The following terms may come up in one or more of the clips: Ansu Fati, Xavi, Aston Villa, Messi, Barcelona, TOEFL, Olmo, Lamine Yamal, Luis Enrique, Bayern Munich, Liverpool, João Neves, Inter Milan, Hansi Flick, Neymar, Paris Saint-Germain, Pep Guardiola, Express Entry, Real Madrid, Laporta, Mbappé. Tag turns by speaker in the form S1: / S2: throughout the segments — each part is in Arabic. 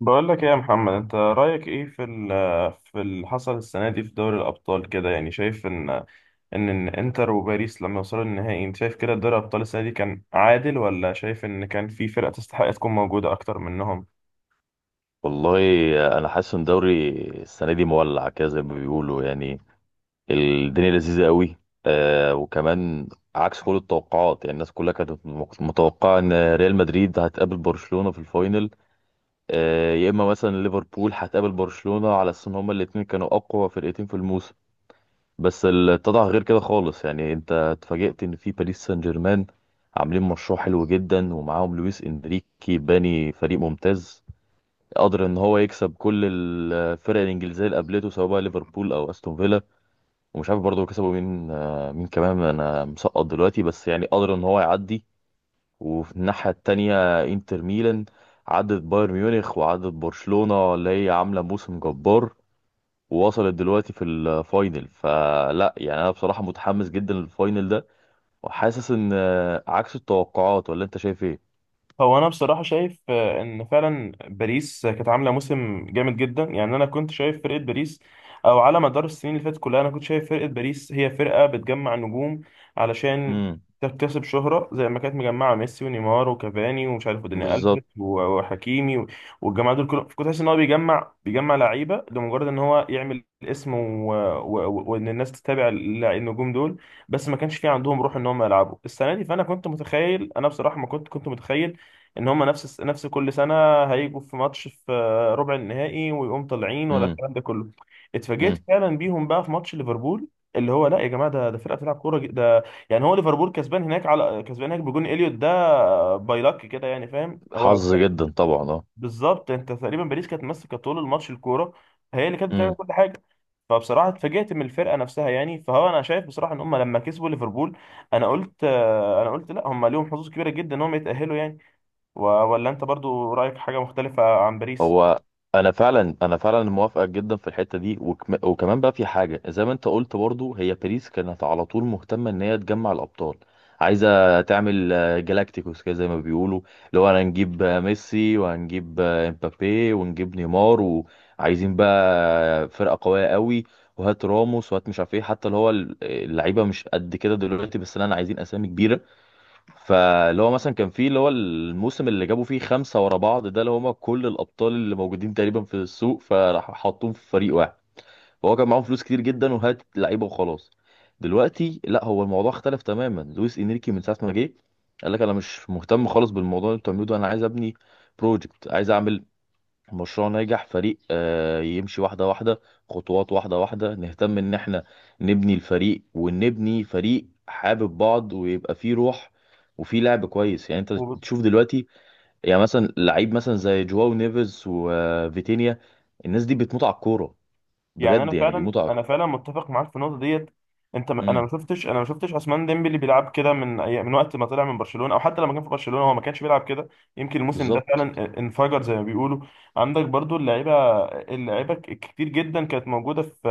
S1: بقول لك ايه يا محمد؟ انت رايك ايه في اللي حصل السنه دي في دوري الابطال كده؟ يعني شايف ان انتر وباريس لما وصلوا النهائي، انت شايف كده دوري الابطال السنه دي كان عادل، ولا شايف ان كان في فرقه تستحق تكون موجوده اكتر منهم؟
S2: والله، انا حاسس ان دوري السنه دي مولع كده زي ما بيقولوا، يعني الدنيا لذيذه قوي. وكمان عكس كل التوقعات. يعني الناس كلها كانت متوقعه ان ريال مدريد هتقابل برشلونه في الفاينل، يا اما مثلا ليفربول هتقابل برشلونه، على اساس ان هما الاتنين كانوا اقوى فرقتين في الموسم. بس اللي اتضح غير كده خالص. يعني انت اتفاجئت ان في باريس سان جيرمان عاملين مشروع حلو جدا، ومعاهم لويس انريكي باني فريق ممتاز، قدر ان هو يكسب كل الفرق الانجليزيه اللي قابلته، سواء بقى ليفربول او استون فيلا، ومش عارف برضه كسبوا مين، مين كمان انا مسقط دلوقتي. بس يعني قدر ان هو يعدي. وفي الناحيه التانيه انتر ميلان عدت بايرن ميونخ، وعدت برشلونه اللي هي عامله موسم جبار، ووصلت دلوقتي في الفاينل. فلا يعني انا بصراحه متحمس جدا للفاينل ده، وحاسس ان عكس التوقعات. ولا انت شايف ايه؟
S1: هو انا بصراحه شايف، ان فعلا باريس كانت عامله موسم جامد جدا. يعني انا كنت شايف فرقه باريس او على مدار السنين اللي فاتت كلها، انا كنت شايف فرقه باريس هي فرقه بتجمع نجوم علشان
S2: امم.
S1: تكتسب شهره، زي ما كانت مجمعه ميسي ونيمار وكافاني ومش عارف وداني
S2: بالظبط.
S1: الفيس وحكيمي والجماعه دول كلهم، كنت حاسس ان هو بيجمع لعيبه لمجرد ان هو يعمل اسم وان الناس تتابع النجوم دول. بس ما كانش في عندهم روح ان هم يلعبوا السنه دي. فانا كنت متخيل، انا بصراحه ما كنت متخيل ان هم نفس كل سنه هيجوا في ماتش في ربع النهائي ويقوم طالعين ولا
S2: امم.
S1: الكلام ده كله. اتفاجئت
S2: امم.
S1: فعلا بيهم بقى في ماتش ليفربول، اللي هو لا يا جماعه، ده فرقه بتلعب كوره ده يعني. هو ليفربول كسبان هناك، على كسبان هناك بجون اليوت، ده باي لك كده يعني، فاهم؟ هو
S2: حظ جدا طبعا.
S1: بالظبط، انت تقريبا باريس كانت ماسكه طول الماتش الكوره، هي اللي كانت بتعمل
S2: اه.
S1: كل حاجه. فبصراحه اتفاجئت من الفرقه نفسها يعني. فهو انا شايف بصراحه ان هم لما كسبوا ليفربول، انا قلت لا، هم ليهم حظوظ كبيره جدا ان هم يتاهلوا يعني. ولا انت برضو رايك حاجه مختلفه عن باريس؟
S2: هو انا فعلا، انا فعلا موافقك جدا في الحته دي، وكمان بقى في حاجه زي ما انت قلت برضو: هي باريس كانت على طول مهتمه ان هي تجمع الابطال. عايزه تعمل جالاكتيكوس كده زي ما بيقولوا، اللي هو انا هنجيب ميسي، وهنجيب امبابي، ونجيب نيمار، وعايزين بقى فرقه قويه قوي، وهات راموس، وهات مش عارف ايه، حتى اللي هو اللعيبه مش قد كده دلوقتي، بس انا عايزين اسامي كبيره. فاللي هو مثلا كان فيه، اللي هو الموسم اللي جابوا فيه خمسة ورا بعض ده، اللي هما كل الأبطال اللي موجودين تقريبا في السوق، فراح حطوهم في فريق واحد. فهو كان معاهم فلوس كتير جدا، وهات لعيبة وخلاص. دلوقتي لا، هو الموضوع اختلف تماما. لويس إنريكي من ساعة ما جه قال لك: أنا مش مهتم خالص بالموضوع اللي انتوا بتعملوه ده، أنا عايز أبني بروجكت، عايز أعمل مشروع ناجح، فريق يمشي واحدة واحدة، خطوات واحدة واحدة، نهتم ان احنا نبني الفريق، ونبني فريق حابب بعض ويبقى فيه روح، وفيه لعب كويس. يعني انت تشوف دلوقتي، يعني مثلا لعيب مثلا زي جواو نيفيز وفيتينيا، الناس دي بتموت على الكورة،
S1: يعني انا
S2: بجد يعني
S1: فعلا
S2: بيموتوا على...
S1: انا فعلا متفق معاك في النقطه ديت. انا ما
S2: امم.
S1: شفتش انا ما شفتش عثمان ديمبلي بيلعب كده من من وقت ما طلع من برشلونه، او حتى لما كان في برشلونه هو ما كانش بيلعب كده. يمكن الموسم ده
S2: بالظبط.
S1: فعلا انفجر زي ما بيقولوا. عندك برضو اللعيبه، كتير جدا كانت موجوده في،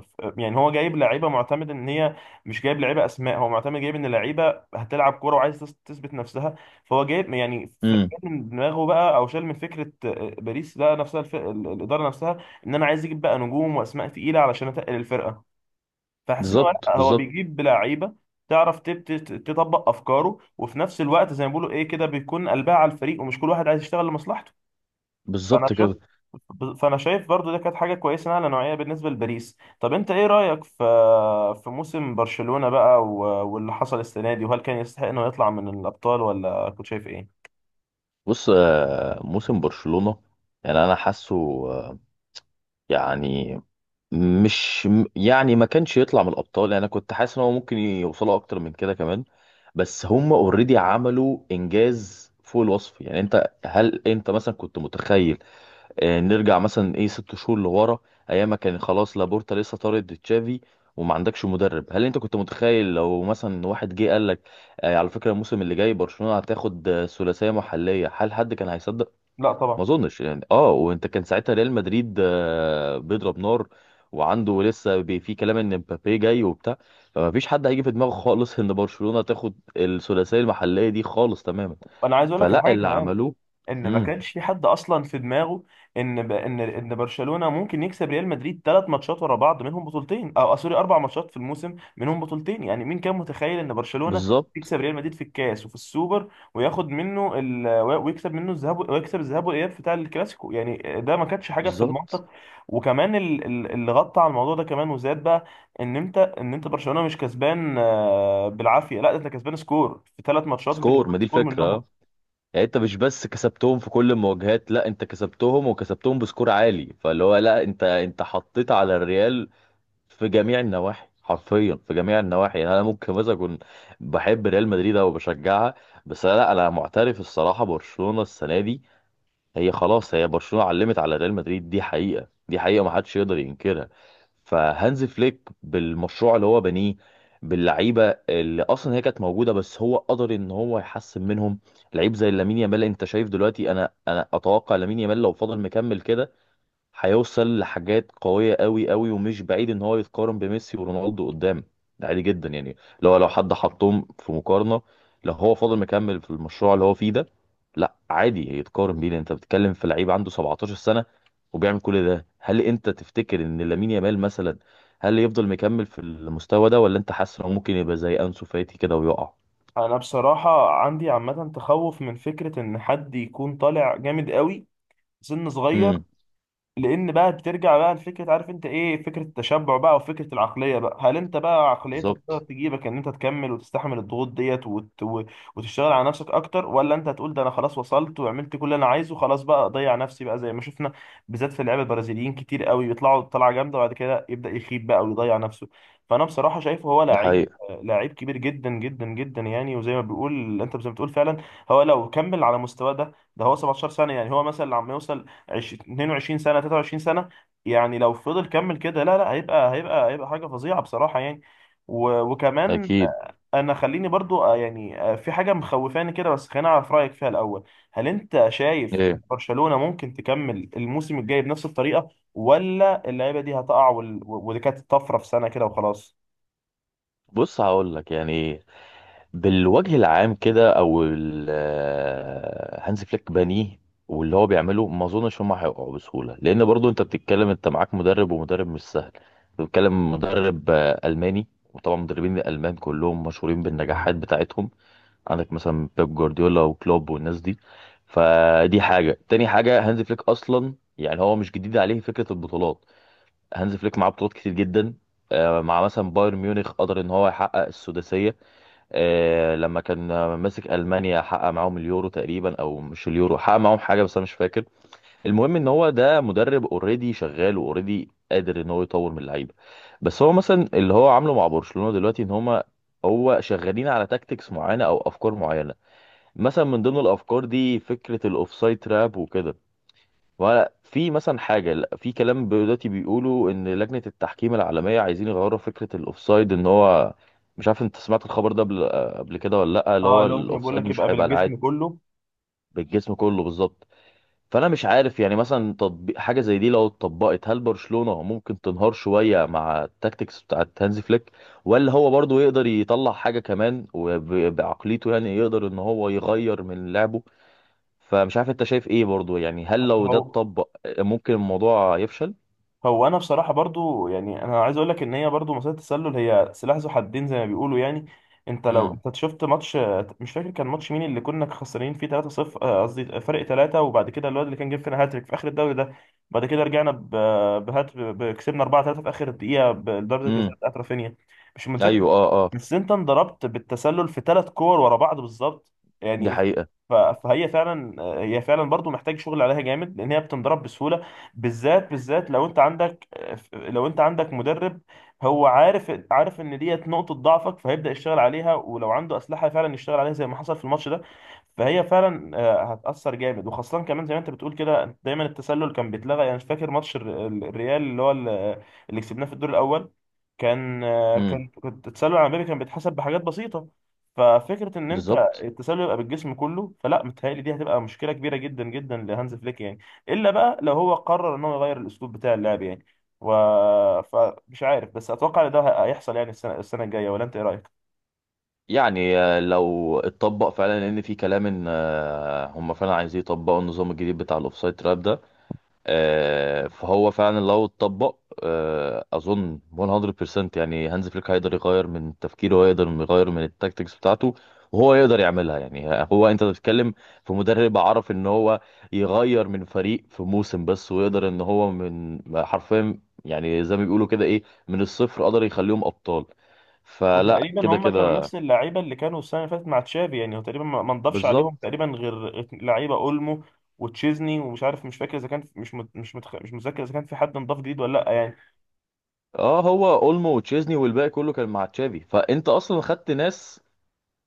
S1: يعني هو جايب لعيبه معتمد ان هي، مش جايب لعيبه اسماء. هو معتمد جايب ان لعيبه هتلعب كوره وعايز تثبت نفسها. فهو جايب يعني،
S2: امم.
S1: من دماغه بقى او شال من فكره باريس، ده نفسها الاداره نفسها ان انا عايز اجيب بقى نجوم واسماء تقيله علشان اتقل الفرقه. فحاسس ان هو
S2: بالظبط.
S1: لا، هو
S2: بالظبط،
S1: بيجيب لعيبه تعرف تطبق افكاره، وفي نفس الوقت زي ما بيقولوا ايه كده، بيكون قلبها على الفريق ومش كل واحد عايز يشتغل لمصلحته. فانا
S2: بالظبط
S1: شفت
S2: كده.
S1: فانا شايف برضو ده كانت حاجه كويسه على نوعيه بالنسبه لباريس. طب انت ايه رايك في في موسم برشلونه بقى واللي حصل السنه دي؟ وهل كان يستحق انه يطلع من الابطال ولا كنت شايف ايه؟
S2: بص، موسم برشلونة يعني انا حاسه آه، يعني مش م- يعني ما كانش يطلع من الابطال. يعني انا كنت حاسس ان هو ممكن يوصلوا اكتر من كده كمان. بس هم اوريدي عملوا انجاز فوق الوصف. يعني انت، هل انت مثلا كنت متخيل، نرجع مثلا ايه ست شهور لورا، ايام ما كان خلاص لابورتا لسه طارد تشافي وما عندكش مدرب، هل انت كنت متخيل لو مثلا واحد جه قال لك على فكرة الموسم اللي جاي برشلونة هتاخد ثلاثية محلية، هل حد كان هيصدق؟
S1: لا
S2: ما
S1: طبعا.
S2: اظنش يعني. اه، وانت كان ساعتها ريال مدريد بيضرب نار، وعنده لسه في كلام ان مبابي جاي وبتاع. فما فيش حد هيجي في دماغه خالص ان برشلونة تاخد الثلاثية المحلية دي خالص تماما.
S1: انا عايز اقول لك
S2: فلا،
S1: الحاجه
S2: اللي
S1: كمان،
S2: عملوه...
S1: ان ما
S2: امم.
S1: كانش في حد اصلا في دماغه ان ب... ان ان برشلونه ممكن يكسب ريال مدريد ثلاث ماتشات ورا بعض منهم بطولتين، او سوري، اربع ماتشات في الموسم منهم بطولتين. يعني مين كان متخيل ان برشلونه
S2: بالظبط،
S1: يكسب ريال مدريد في الكاس وفي السوبر، وياخد منه ويكسب منه الذهاب، ويكسب الذهاب والاياب بتاع الكلاسيكو؟ يعني ده ما كانتش حاجه في
S2: بالظبط.
S1: المنطق. وكمان اللي غطى على الموضوع ده كمان وزاد بقى، ان انت، برشلونه مش كسبان، بالعافيه، لا، ده انت كسبان سكور في ثلاث ماتشات، انت
S2: سكور،
S1: كسبان
S2: ما دي
S1: سكور
S2: الفكرة.
S1: منهم.
S2: آه. يعني انت مش بس كسبتهم في كل المواجهات، لا، انت كسبتهم، وكسبتهم بسكور عالي. فاللي هو لا، انت حطيت على الريال في جميع النواحي، حرفيا في جميع النواحي. يعني انا ممكن مثلا اكون بحب ريال مدريد او بشجعها، بس انا لا، معترف الصراحه برشلونه السنه دي هي خلاص، هي برشلونه علمت على ريال مدريد. دي حقيقه، دي حقيقه، ما حدش يقدر ينكرها. فهانز فليك بالمشروع اللي هو بنيه، باللعيبه اللي اصلا هي كانت موجوده، بس هو قدر ان هو يحسن منهم. لعيب زي لامين يامال، انت شايف دلوقتي، انا اتوقع لامين يامال لو فضل مكمل كده هيوصل لحاجات قوية، قوي قوي، ومش بعيد ان هو يتقارن بميسي ورونالدو قدام. ده عادي جدا يعني، لو حد حطهم في مقارنة، لو هو فاضل مكمل في المشروع اللي هو فيه ده، لا، عادي يتقارن بيه، لان انت بتتكلم في لعيب عنده 17 سنة وبيعمل كل ده. هل انت تفتكر ان لامين يامال مثلا، هل يفضل مكمل في المستوى ده، ولا انت حاسس انه ممكن يبقى زي انسو فاتي كده ويقع؟
S1: انا بصراحة عندي عامة تخوف من فكرة ان حد يكون طالع جامد قوي سن صغير،
S2: امم.
S1: لان بقى بترجع بقى لفكره، عارف انت ايه فكره التشبع بقى وفكره العقليه بقى. هل انت بقى عقليتك تقدر
S2: بالظبط.
S1: تجيبك ان انت تكمل وتستحمل الضغوط ديت وتشتغل على نفسك اكتر، ولا انت هتقول ده انا خلاص وصلت وعملت كل اللي انا عايزه، خلاص بقى اضيع نفسي بقى، زي ما شفنا بالذات في اللعيبه البرازيليين؟ كتير قوي بيطلعوا طلعه جامده وبعد كده يبدا يخيب بقى ويضيع نفسه. فانا بصراحه شايفه هو
S2: دي
S1: لعيب
S2: حقيقة.
S1: لعيب كبير جدا جدا جدا يعني. وزي ما بيقول انت، زي ما بتقول فعلا، هو لو كمل على مستواه ده هو 17 سنه يعني، هو مثلا لما يوصل 22 سنة، 23 سنة، يعني لو فضل كمل كده، لا لا، هيبقى حاجة فظيعة بصراحة يعني. وكمان
S2: اكيد.
S1: انا خليني برضو، يعني، في حاجة مخوفاني كده، بس خليني اعرف رأيك فيها الأول. هل انت شايف إن
S2: ايه.
S1: برشلونة ممكن تكمل الموسم الجاي بنفس الطريقة، ولا اللعيبة دي هتقع ودي كانت طفرة في سنة كده وخلاص؟
S2: بص هقول لك يعني، بالوجه العام كده، او هانز فليك بانيه، واللي هو بيعمله ما اظنش هم هيقعوا بسهوله، لان برضو انت بتتكلم، انت معاك مدرب، ومدرب مش سهل. أنت بتتكلم مدرب الماني، وطبعا مدربين الالمان كلهم مشهورين بالنجاحات بتاعتهم. عندك مثلا بيب جوارديولا وكلوب والناس دي. فدي حاجه، تاني حاجه: هانز فليك اصلا يعني هو مش جديد عليه فكره البطولات، هانز فليك معاه بطولات كتير جدا، مع مثلا بايرن ميونخ قدر ان هو يحقق السداسيه، لما كان ماسك المانيا حقق معاهم اليورو تقريبا، او مش اليورو حقق معاهم حاجه بس انا مش فاكر. المهم ان هو ده مدرب اوريدي شغال، واوريدي قادر ان هو يطور من اللعيبه. بس هو مثلا اللي هو عامله مع برشلونه دلوقتي ان هما، هو شغالين على تاكتكس معينه او افكار معينه. مثلا من ضمن الافكار دي فكره الاوفسايد تراب وكده. وفي مثلا حاجة، لا، في كلام دلوقتي بيقولوا إن لجنة التحكيم العالمية عايزين يغيروا فكرة الأوفسايد، إن هو مش عارف أنت سمعت الخبر ده قبل، قبل كده ولا لأ. اللي
S1: اه
S2: هو
S1: لو ممكن بقول
S2: الأوفسايد
S1: لك، يبقى
S2: مش هيبقى
S1: بالجسم
S2: العاد...
S1: كله.
S2: بالجسم كله، بالظبط. فأنا مش عارف يعني مثلا تطبيق حاجة زي دي، لو اتطبقت هل برشلونة ممكن تنهار شوية مع التاكتكس بتاعة هانزي فليك، ولا هو برضه يقدر يطلع حاجة كمان وبعقليته يعني يقدر إن هو يغير من لعبه؟ فمش عارف انت شايف ايه برضو يعني. هل لو ده
S1: هو
S2: اتطبق ممكن الموضوع يفشل؟
S1: هو انا بصراحه برضو يعني، انا عايز اقول لك ان هي برضو مساله التسلل هي سلاح ذو حدين زي ما بيقولوا يعني. انت لو
S2: امم.
S1: انت شفت ماتش، مش فاكر كان ماتش مين، اللي كنا خسرانين فيه 3-0، قصدي فرق 3، وبعد كده الواد اللي كان جاب فينا هاتريك في اخر الدوري ده، بعد كده رجعنا كسبنا 4-3 في اخر الدقيقه بضربه الجزاء
S2: امم.
S1: بتاعت رافينيا، مش متذكر.
S2: ايوه. اه. اه.
S1: بس انت انضربت بالتسلل في ثلاث كور ورا بعض بالظبط
S2: دي
S1: يعني.
S2: حقيقة.
S1: فهي فعلا، هي فعلا برضو محتاج شغل عليها جامد لان هي بتنضرب بسهوله، بالذات لو انت عندك، لو انت عندك مدرب هو عارف ان ديت نقطة ضعفك، فهيبدأ يشتغل عليها، ولو عنده أسلحة فعلا يشتغل عليها، زي ما حصل في الماتش ده. فهي فعلا، هتأثر جامد. وخاصة كمان زي ما انت بتقول كده، دايما التسلل كان بيتلغى يعني، مش فاكر ماتش الريال اللي هو اللي كسبناه في الدور الأول، كان، آه،
S2: امم.
S1: كان كنت التسلل العمودي كان بيتحسب بحاجات بسيطة. ففكرة ان انت
S2: بالظبط.
S1: التسلل يبقى بالجسم كله، فلا متهيألي دي هتبقى مشكلة كبيرة جدا جدا لهانز فليك يعني، الا بقى لو هو قرر ان هو يغير الاسلوب بتاع اللعب يعني. و... فمش عارف، بس اتوقع ان ده هيحصل يعني السنه الجايه. ولا انت ايه رايك؟
S2: يعني لو اتطبق فعلا، لان في كلام ان هم فعلا عايزين يطبقوا النظام الجديد بتاع الاوفسايد تراب ده، فهو فعلا لو اتطبق اظن 100% يعني هانز فليك هيقدر يغير من تفكيره، ويقدر يغير من التاكتكس بتاعته، وهو يقدر يعملها. يعني هو انت بتتكلم في مدرب عرف ان هو يغير من فريق في موسم بس، ويقدر ان هو من حرفيا يعني زي ما بيقولوا كده ايه، من الصفر قدر يخليهم ابطال. فلا
S1: وتقريبا
S2: كده
S1: هم كانوا
S2: كده،
S1: نفس اللعيبه اللي كانوا السنه اللي فاتت مع تشافي يعني. هو تقريبا ما نضافش عليهم
S2: بالظبط.
S1: تقريبا غير لعيبه اولمو وتشيزني، ومش عارف مش فاكر اذا كان مش مت... مش متخ... مش متذكر اذا كان في حد انضاف جديد ولا لا يعني.
S2: اه، هو اولمو وتشيزني والباقي كله كان مع تشافي، فانت اصلا خدت ناس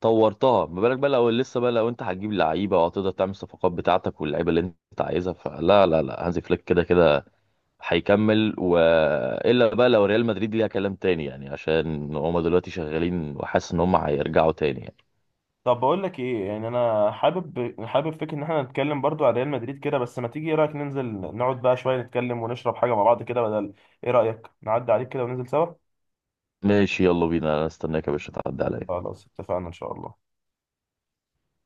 S2: طورتها. ما بالك بقى لو لسه، بقى لو انت هتجيب لعيبه وهتقدر تعمل الصفقات بتاعتك واللعيبه اللي انت عايزها. فلا لا لا، هانزي فليك كده كده هيكمل. والا بقى لو ريال مدريد ليها كلام تاني يعني، عشان هم دلوقتي شغالين، وحاسس ان هم هيرجعوا تاني يعني.
S1: طب بقول لك ايه يعني، انا حابب فكره ان احنا نتكلم برضو على ريال مدريد كده، بس ما تيجي ايه رايك ننزل نقعد بقى شويه نتكلم ونشرب حاجه مع بعض كده، بدل، ايه رايك نعدي عليك كده وننزل سوا؟
S2: ماشي، يلا بينا، انا استناك يا باشا تعدي عليا.
S1: خلاص اتفقنا إن شاء الله.